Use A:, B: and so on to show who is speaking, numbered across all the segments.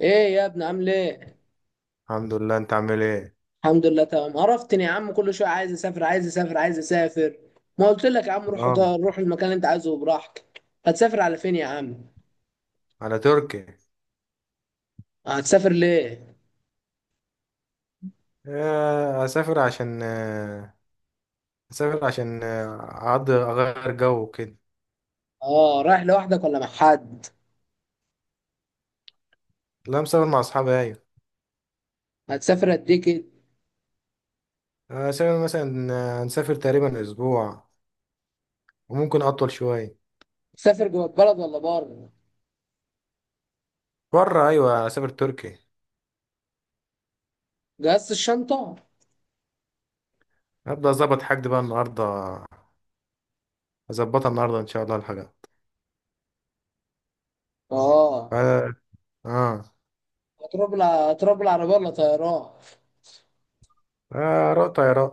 A: ايه يا ابني، عامل ايه؟
B: الحمد لله، انت عامل ايه؟
A: الحمد لله تمام، عرفتني يا عم. كل شويه عايز اسافر. ما قلت لك يا عم، روح
B: اه.
A: روح المكان اللي انت عايزه براحتك. هتسافر على فين يا عم؟
B: على تركي.
A: هتسافر ليه؟
B: اسافر عشان اقضي اغير جو كده.
A: اه، رايح لوحدك ولا مع حد؟
B: لا، مسافر مع اصحابي، ايوه.
A: هتسافر قد ايه كده؟
B: اسافر مثلا هنسافر تقريبا اسبوع، وممكن اطول شويه.
A: تسافر جوه البلد ولا بره؟
B: بره، ايوه، اسافر تركي.
A: جهزت الشنطه؟
B: هبدا اظبط حاجتي بقى النهارده، اظبطها النهارده ان شاء الله الحاجه.
A: اه.
B: اه. اه.
A: هتروح هتروح بالعربيه ولا طيران؟
B: رأي طيران.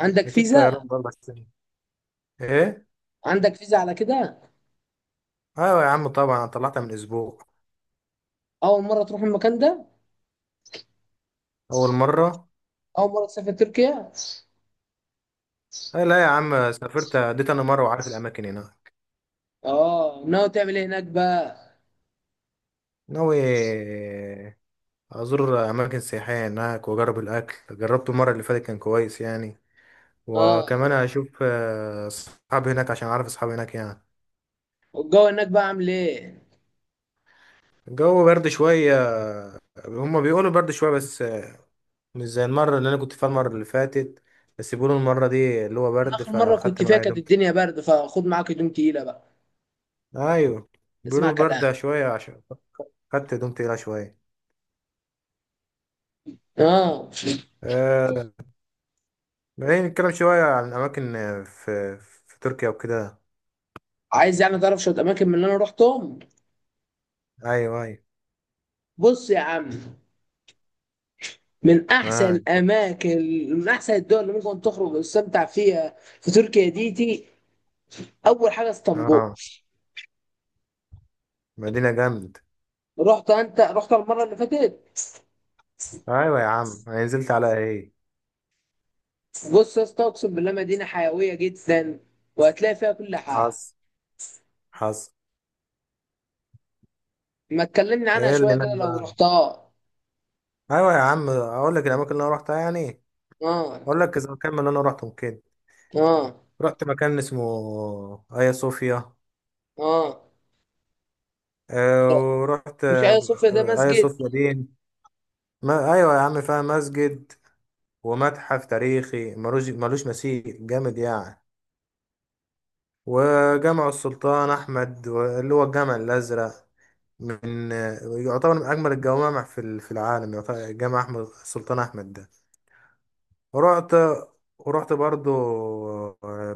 A: عندك
B: اكيد
A: فيزا؟
B: طيران بره بس. ايه.
A: عندك فيزا على كده؟
B: ايوه يا عم، طبعا انا طلعتها من اسبوع.
A: اول مره تروح المكان ده؟
B: اول مره.
A: اول مره تسافر تركيا؟
B: أه، لا يا عم، سافرت اديت انا مره وعارف الاماكن هناك.
A: اه، ناوي تعمل ايه هناك بقى؟
B: ناوي ازور اماكن سياحيه هناك واجرب الاكل، جربته المره اللي فاتت كان كويس يعني.
A: اه،
B: وكمان اشوف اصحابي هناك عشان اعرف اصحابي هناك يعني.
A: والجو هناك بقى عامل ايه؟
B: الجو برد شويه، هما بيقولوا برد شويه بس، مش زي المره اللي انا كنت فيها المره اللي فاتت. بس بيقولوا المره دي اللي هو
A: انا
B: برد،
A: اخر مره
B: فاخدت
A: كنت فيها
B: معايا
A: كانت
B: هدوم.
A: الدنيا برد، فخد معاك هدوم تقيله بقى.
B: ايوه،
A: اسمع
B: بيقولوا
A: كلام.
B: برد شويه، عشان خدت هدوم تقيله شويه.
A: اه.
B: آه، بعدين نتكلم شوية عن أماكن في تركيا وكده.
A: عايز يعني تعرف شويه اماكن من اللي انا رحتهم؟
B: أيوة أيوة.
A: بص يا عم، من احسن
B: معاك.
A: الاماكن، من احسن الدول اللي ممكن تخرج وتستمتع فيها في تركيا ديتي، اول حاجه اسطنبول.
B: آه، مدينة جامد.
A: رحت انت، رحت المره اللي فاتت؟
B: أيوة يا عم، أنا نزلت على إيه.
A: بص يا اسطى، اقسم بالله مدينه حيويه جدا، وهتلاقي فيها كل حاجه.
B: حصل، حصل.
A: ما تكلمني عنها
B: إيه اللي
A: شويه
B: هناك
A: كده لو
B: بقى؟
A: رحتها.
B: أيوة يا عم، أقول لك الأماكن اللي أنا روحتها يعني.
A: اه.
B: أقول لك إذا مكان من اللي أنا روحتهم كده.
A: اه.
B: رحت مكان اسمه آيا صوفيا.
A: اه.
B: آه، ورحت
A: مش ايوه، صوفيا ده
B: آيا
A: مسجد.
B: صوفيا دي، ما أيوة يا عم فيها مسجد ومتحف تاريخي ملوش ملوش مثيل، جامد يعني. وجامع السلطان أحمد اللي هو الجامع الأزرق، من يعتبر من أجمل الجوامع في العالم، يعتبر جامع أحمد السلطان أحمد ده. ورحت ورحت برضو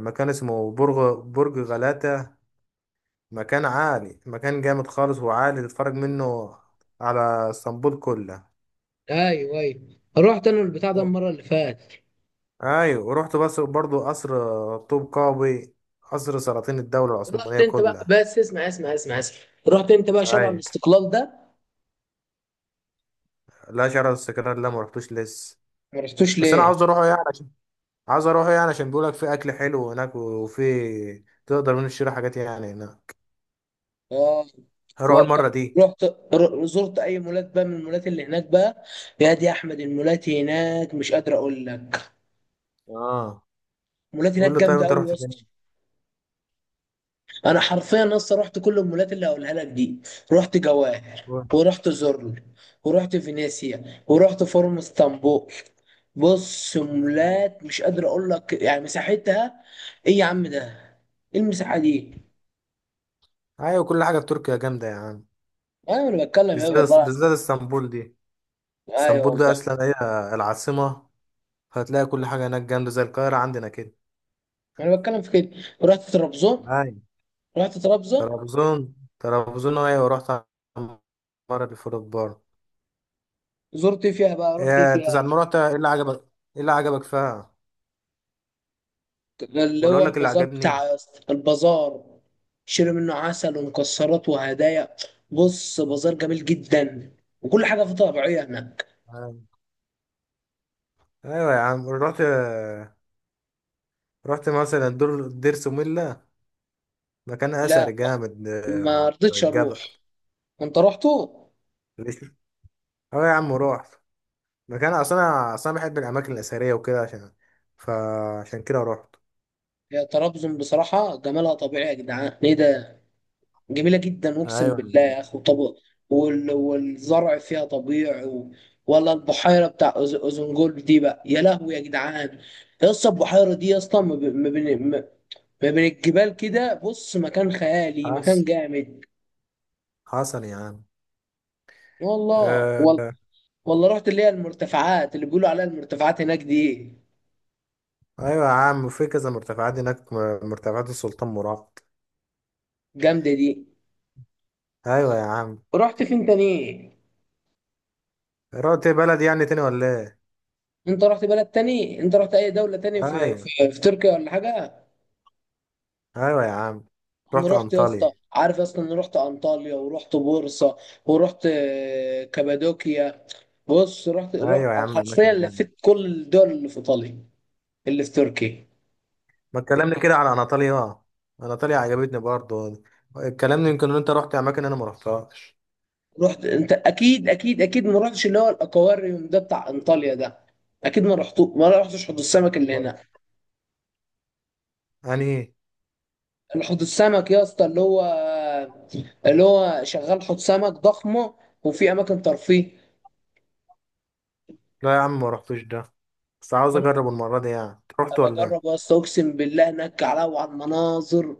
B: مكان اسمه برج، برج غلاتة، مكان عالي، مكان جامد خالص وعالي، تتفرج منه على اسطنبول كلها.
A: ايوه ايوه، رحت انا البتاع ده المره اللي فاتت.
B: أيوة ورحت بس برضو قصر طوب قابي، قصر سلاطين الدولة
A: رحت
B: العثمانية
A: انت بقى،
B: كلها.
A: بس اسمع اسمع اسمع اسمع. رحت انت بقى شارع
B: أيوة،
A: الاستقلال ده؟
B: لا، شرع الاستقلال لا، مرحتوش لسه.
A: ما رحتوش
B: بس انا
A: ليه؟
B: عاوز اروحه يعني عشان، عاوز اروحه يعني عشان بيقولك في اكل حلو هناك، وفي تقدر من تشتري حاجات يعني هناك.
A: اه.
B: هروح
A: طب
B: المره دي.
A: رحت، زرت اي مولات بقى من المولات اللي هناك بقى؟ يا دي يا احمد، المولات هناك مش قادر اقول لك.
B: اه،
A: المولات
B: قول
A: هناك
B: له طيب
A: جامده
B: انت
A: قوي يا
B: رحت فين.
A: اسطى. انا حرفيا لسه رحت كل المولات اللي هقولها لك دي: رحت جواهر، ورحت زورل، ورحت فينيسيا، ورحت فورم اسطنبول. بص
B: ايوه.
A: مولات مش قادر اقول لك يعني مساحتها. ايه يا عم ده! ايه المساحه دي!
B: أيوة، كل حاجه في تركيا جامده يا عم.
A: ايوه، انا بتكلم ايه والله
B: بالذات
A: العظيم.
B: بالذات اسطنبول دي،
A: ايوه
B: اسطنبول دي
A: والله.
B: اصلا هي العاصمه. هتلاقي كل حاجه هناك جامده، زي القاهره عندنا كده.
A: انا بتكلم في كده. رحت طرابزون.
B: ايوه،
A: رحت طرابزون
B: طرابزون طرابزون، ايوه رحت المره اللي فاتت برضه.
A: زرت إيه فيها بقى، رحت إيه
B: إيه،
A: فيها؟
B: انت ساعة ما رحت، ايه اللي عجبك؟ ايه اللي عجبك فيها؟
A: اللي
B: ولا
A: هو
B: اقول لك اللي
A: البازار
B: عجبني؟
A: بتاع يا اسطى، البازار. شيلوا منه عسل ومكسرات وهدايا. بص بازار جميل جدا، وكل حاجه فيه طبيعيه هناك.
B: ايوه يا عم رحت، رحت مثلا دور دير سوميلا، مكان اثر
A: لا،
B: جامد
A: ما
B: على
A: رضيتش اروح.
B: الجبل.
A: انت رحتوا؟
B: ليش؟ اه يا عم رحت، مكان اصلا، انا اصلا بحب الاماكن الاثريه وكده، عشان فعشان كده رحت.
A: يا طرابزون بصراحه جمالها طبيعي يا جدعان، ايه ده! جميله جدا
B: ايوه يا
A: اقسم بالله
B: عم.
A: يا اخي. وطب والزرع فيها طبيعي ولا البحيره بتاع اوزنجول دي بقى، يا لهوي يا جدعان. يا اسطى البحيره دي اصلا فمن الجبال كده، بص مكان خيالي مكان
B: حصل،
A: جامد.
B: حصل يا عم.
A: والله.
B: آه،
A: والله رحت اللي هي المرتفعات، اللي بيقولوا عليها المرتفعات هناك دي.
B: ايوه يا عم، في كذا مرتفعات هناك، مرتفعات السلطان مراد.
A: جامدة دي.
B: ايوه يا عم.
A: رحت فين تاني؟
B: رحت بلد يعني تاني ولا ايه؟
A: انت رحت بلد تاني، انت رحت اي دولة تاني في
B: ايوه،
A: في, في تركيا ولا حاجة؟
B: ايوه يا عم،
A: انا
B: رحت
A: رحت يا اسطى،
B: انطاليا.
A: عارف يا اسطى، انا رحت انطاليا، ورحت بورصة، ورحت كابادوكيا. بص رحت رحت
B: ايوه يا
A: على
B: عم،
A: حرفيا
B: اماكن جامده.
A: لفيت كل الدول اللي في ايطاليا، اللي في تركيا.
B: ما اتكلمنا كده على اناطوليا، اه، اناطوليا عجبتني برضه. اتكلمنا، يمكن ان انت رحت اماكن انا ما رحتهاش.
A: رحت انت اكيد اكيد اكيد ما رحتش اللي هو الاكواريوم ده بتاع انطاليا ده. اكيد ما رحتش حوض السمك اللي
B: لا.
A: هنا.
B: يعني إيه؟
A: حوض السمك يا اسطى اللي هو شغال حوض سمك ضخمه، وفي اماكن ترفيه.
B: لا يا عم ما رحتوش ده. بس عاوز
A: ما انا ببقى.
B: اجرب المره دي يعني، أنت رحت ولا
A: اجرب
B: ايه؟
A: يا اسطى، اقسم بالله هناك وعلى المناظر.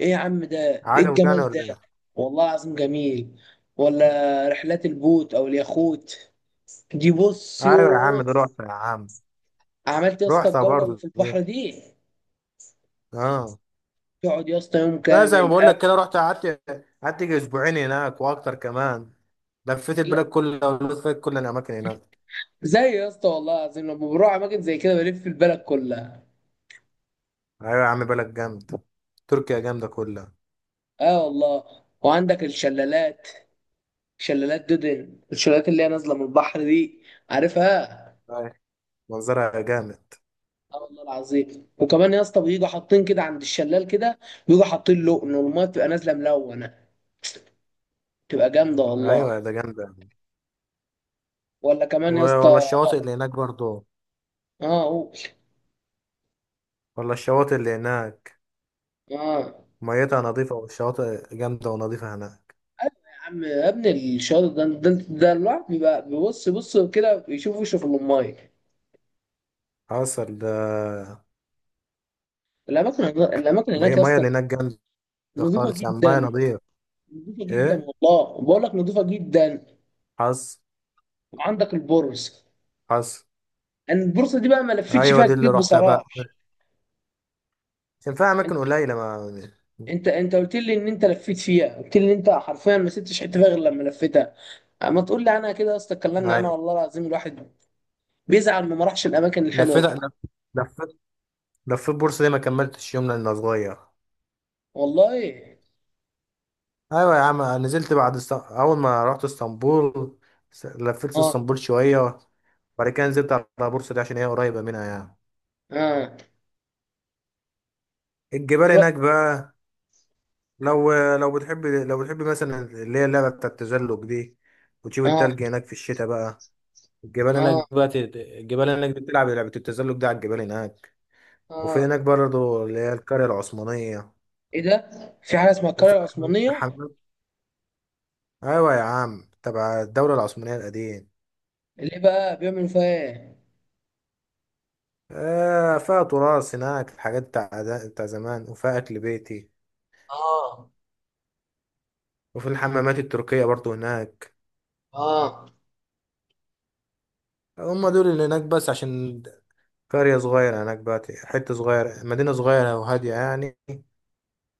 A: ايه يا عم ده! ايه
B: عجبك يعني
A: الجمال ده!
B: ولا ايه؟
A: والله العظيم جميل. ولا رحلات البوت او اليخوت دي، بص
B: ايوه يا عم
A: يوه.
B: ده، رحت يا عم.
A: عملت يا اسطى
B: رحتها
A: الجوله اللي
B: برضه
A: في البحر
B: دي.
A: دي؟
B: اه.
A: تقعد يا اسطى يوم
B: لا، زي ما
A: كامل.
B: بقول لك كده، رحت قعدت، قعدت يجي اسبوعين هناك واكتر كمان. لفيت
A: اكل.
B: البلاد كلها ولفيت كل الاماكن هناك.
A: زي يا اسطى والله العظيم لما بروح اماكن زي كده بلف البلد كلها.
B: ايوه يا عم، بلد جامد، تركيا جامده كلها.
A: اه والله. وعندك الشلالات. شلالات دودن، الشلالات اللي هي نازله من البحر دي، عارفها؟
B: أيوة، منظرها جامد.
A: اه والله العظيم. وكمان يا اسطى بيجوا حاطين كده عند الشلال كده، بيجوا حاطين لقن والميه بتبقى نازله ملونه، بتبقى جامده والله.
B: ايوه ده جامده.
A: ولا كمان يا
B: ولا
A: اسطى.
B: الشواطئ اللي هناك برضو،
A: اه، قول.
B: ولا الشواطئ اللي هناك،
A: اه.
B: ميتها نظيفة والشواطئ جامدة ونظيفة هناك.
A: ايوه يا عم يا ابني، الشاطئ ده الواحد بيبقى بص كده يشوف وشه في الميه.
B: حصل ده.
A: الاماكن هناك
B: مية
A: يا
B: مية
A: اسطى
B: اللي هناك جامدة،
A: نظيفه
B: خالص يعني مية
A: جدا.
B: نظيف.
A: نضيفه جدا
B: ايه.
A: والله، بقول لك نضيفه جدا.
B: حصل.
A: وعندك البورصه.
B: حصل.
A: انا البورصه دي بقى ما لفيتش
B: ايوه
A: فيها
B: دي اللي
A: كتير
B: رحتها
A: بصراحه.
B: بقى، كان فيها
A: انت
B: اماكن قليلة.
A: انت قلت لي ان انت لفيت فيها، قلت لي ان انت حرفيا ما سبتش حته فيها غير لما لفيتها. ما تقول لي انا كده يا اسطى.
B: ما
A: اتكلمنا انا
B: ايوه.
A: والله العظيم، الواحد بيزعل ما راحش الاماكن الحلوه
B: لفيت
A: دي.
B: لف- لفيت لفيت بورصة دي، ما كملتش يوم لأني صغير.
A: والله.
B: ايوه يا عم، نزلت بعد اول ما رحت اسطنبول، لفيت
A: اه.
B: اسطنبول شوية، وبعد كده نزلت على بورصة دي عشان هي قريبة منها يعني.
A: اه.
B: الجبال
A: ر-
B: هناك بقى، لو بتحب، مثلا اللي هي اللعبة بتاع التزلج دي، وتشوف
A: اه.
B: التلج هناك في الشتاء بقى. الجبال
A: اه.
B: هناك بقى، الجبال هناك بتلعب لعبة التزلج ده على الجبال هناك. وفي
A: اه.
B: هناك برضه اللي هي القرية العثمانية،
A: ايه ده؟ في حاجه اسمها القريه
B: وفي
A: العثمانيه؟
B: الحمام. أيوة يا عم، تبع الدولة العثمانية القديم.
A: اللي بقى بيعملوا فيها ايه؟
B: فيها تراث هناك، الحاجات بتاع زمان، وفيها أكل بيتي،
A: اه.
B: وفي الحمامات التركية برضه هناك.
A: اه.
B: هم دول اللي هناك بس، عشان قرية صغيرة هناك بقى، حتة صغيرة، مدينة صغيرة وهادية يعني.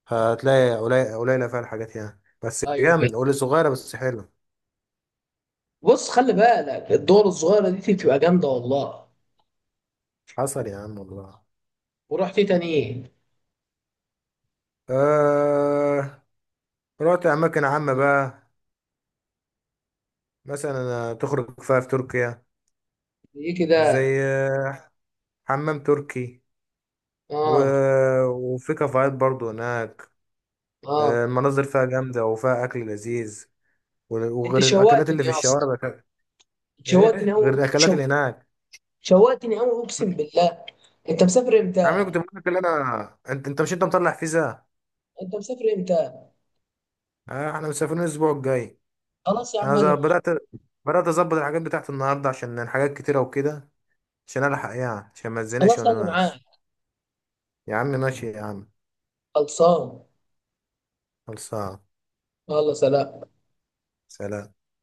B: هتلاقي قليلة قليلة فيها الحاجات يعني، بس
A: ايوه أيوه.
B: جامد، قولي صغيرة بس حلوة.
A: بص خلي بالك الدول الصغيرة دي بتبقى جامدة والله.
B: حصل يا عم والله.
A: ورحت تاني ايه؟
B: آه... رحت أماكن عامة بقى، مثلا تخرج فيها في تركيا،
A: ايه
B: زي
A: كده؟
B: حمام تركي، و...
A: اه.
B: وفي كافيهات برضو هناك.
A: اه.
B: المناظر فيها جامدة وفيها أكل لذيذ، و-
A: انت
B: وغير الأكلات
A: شوقتني
B: اللي في
A: يا اسطى،
B: الشوارع بقى.
A: شوقتني
B: إيه
A: قوي
B: غير الأكلات
A: شو...
B: اللي هناك؟
A: شوقتني قوي اقسم بالله. انت مسافر
B: يا عم، أنا
A: امتى؟
B: كنت بقول لك اللي انا، انت مش انت مطلع فيزا.
A: انت مسافر امتى؟
B: آه، احنا مسافرين الاسبوع الجاي.
A: خلاص يا عم
B: انا
A: اجي معاك.
B: بدات اظبط الحاجات بتاعت النهارده، عشان الحاجات كتيره وكده، عشان الحق يعني، عشان ما تزنقش
A: خلاص
B: وانا
A: اجي معاك.
B: ماشي. يا عم ماشي يا عم.
A: خلصان.
B: خلصان.
A: يلا سلام.
B: سلام.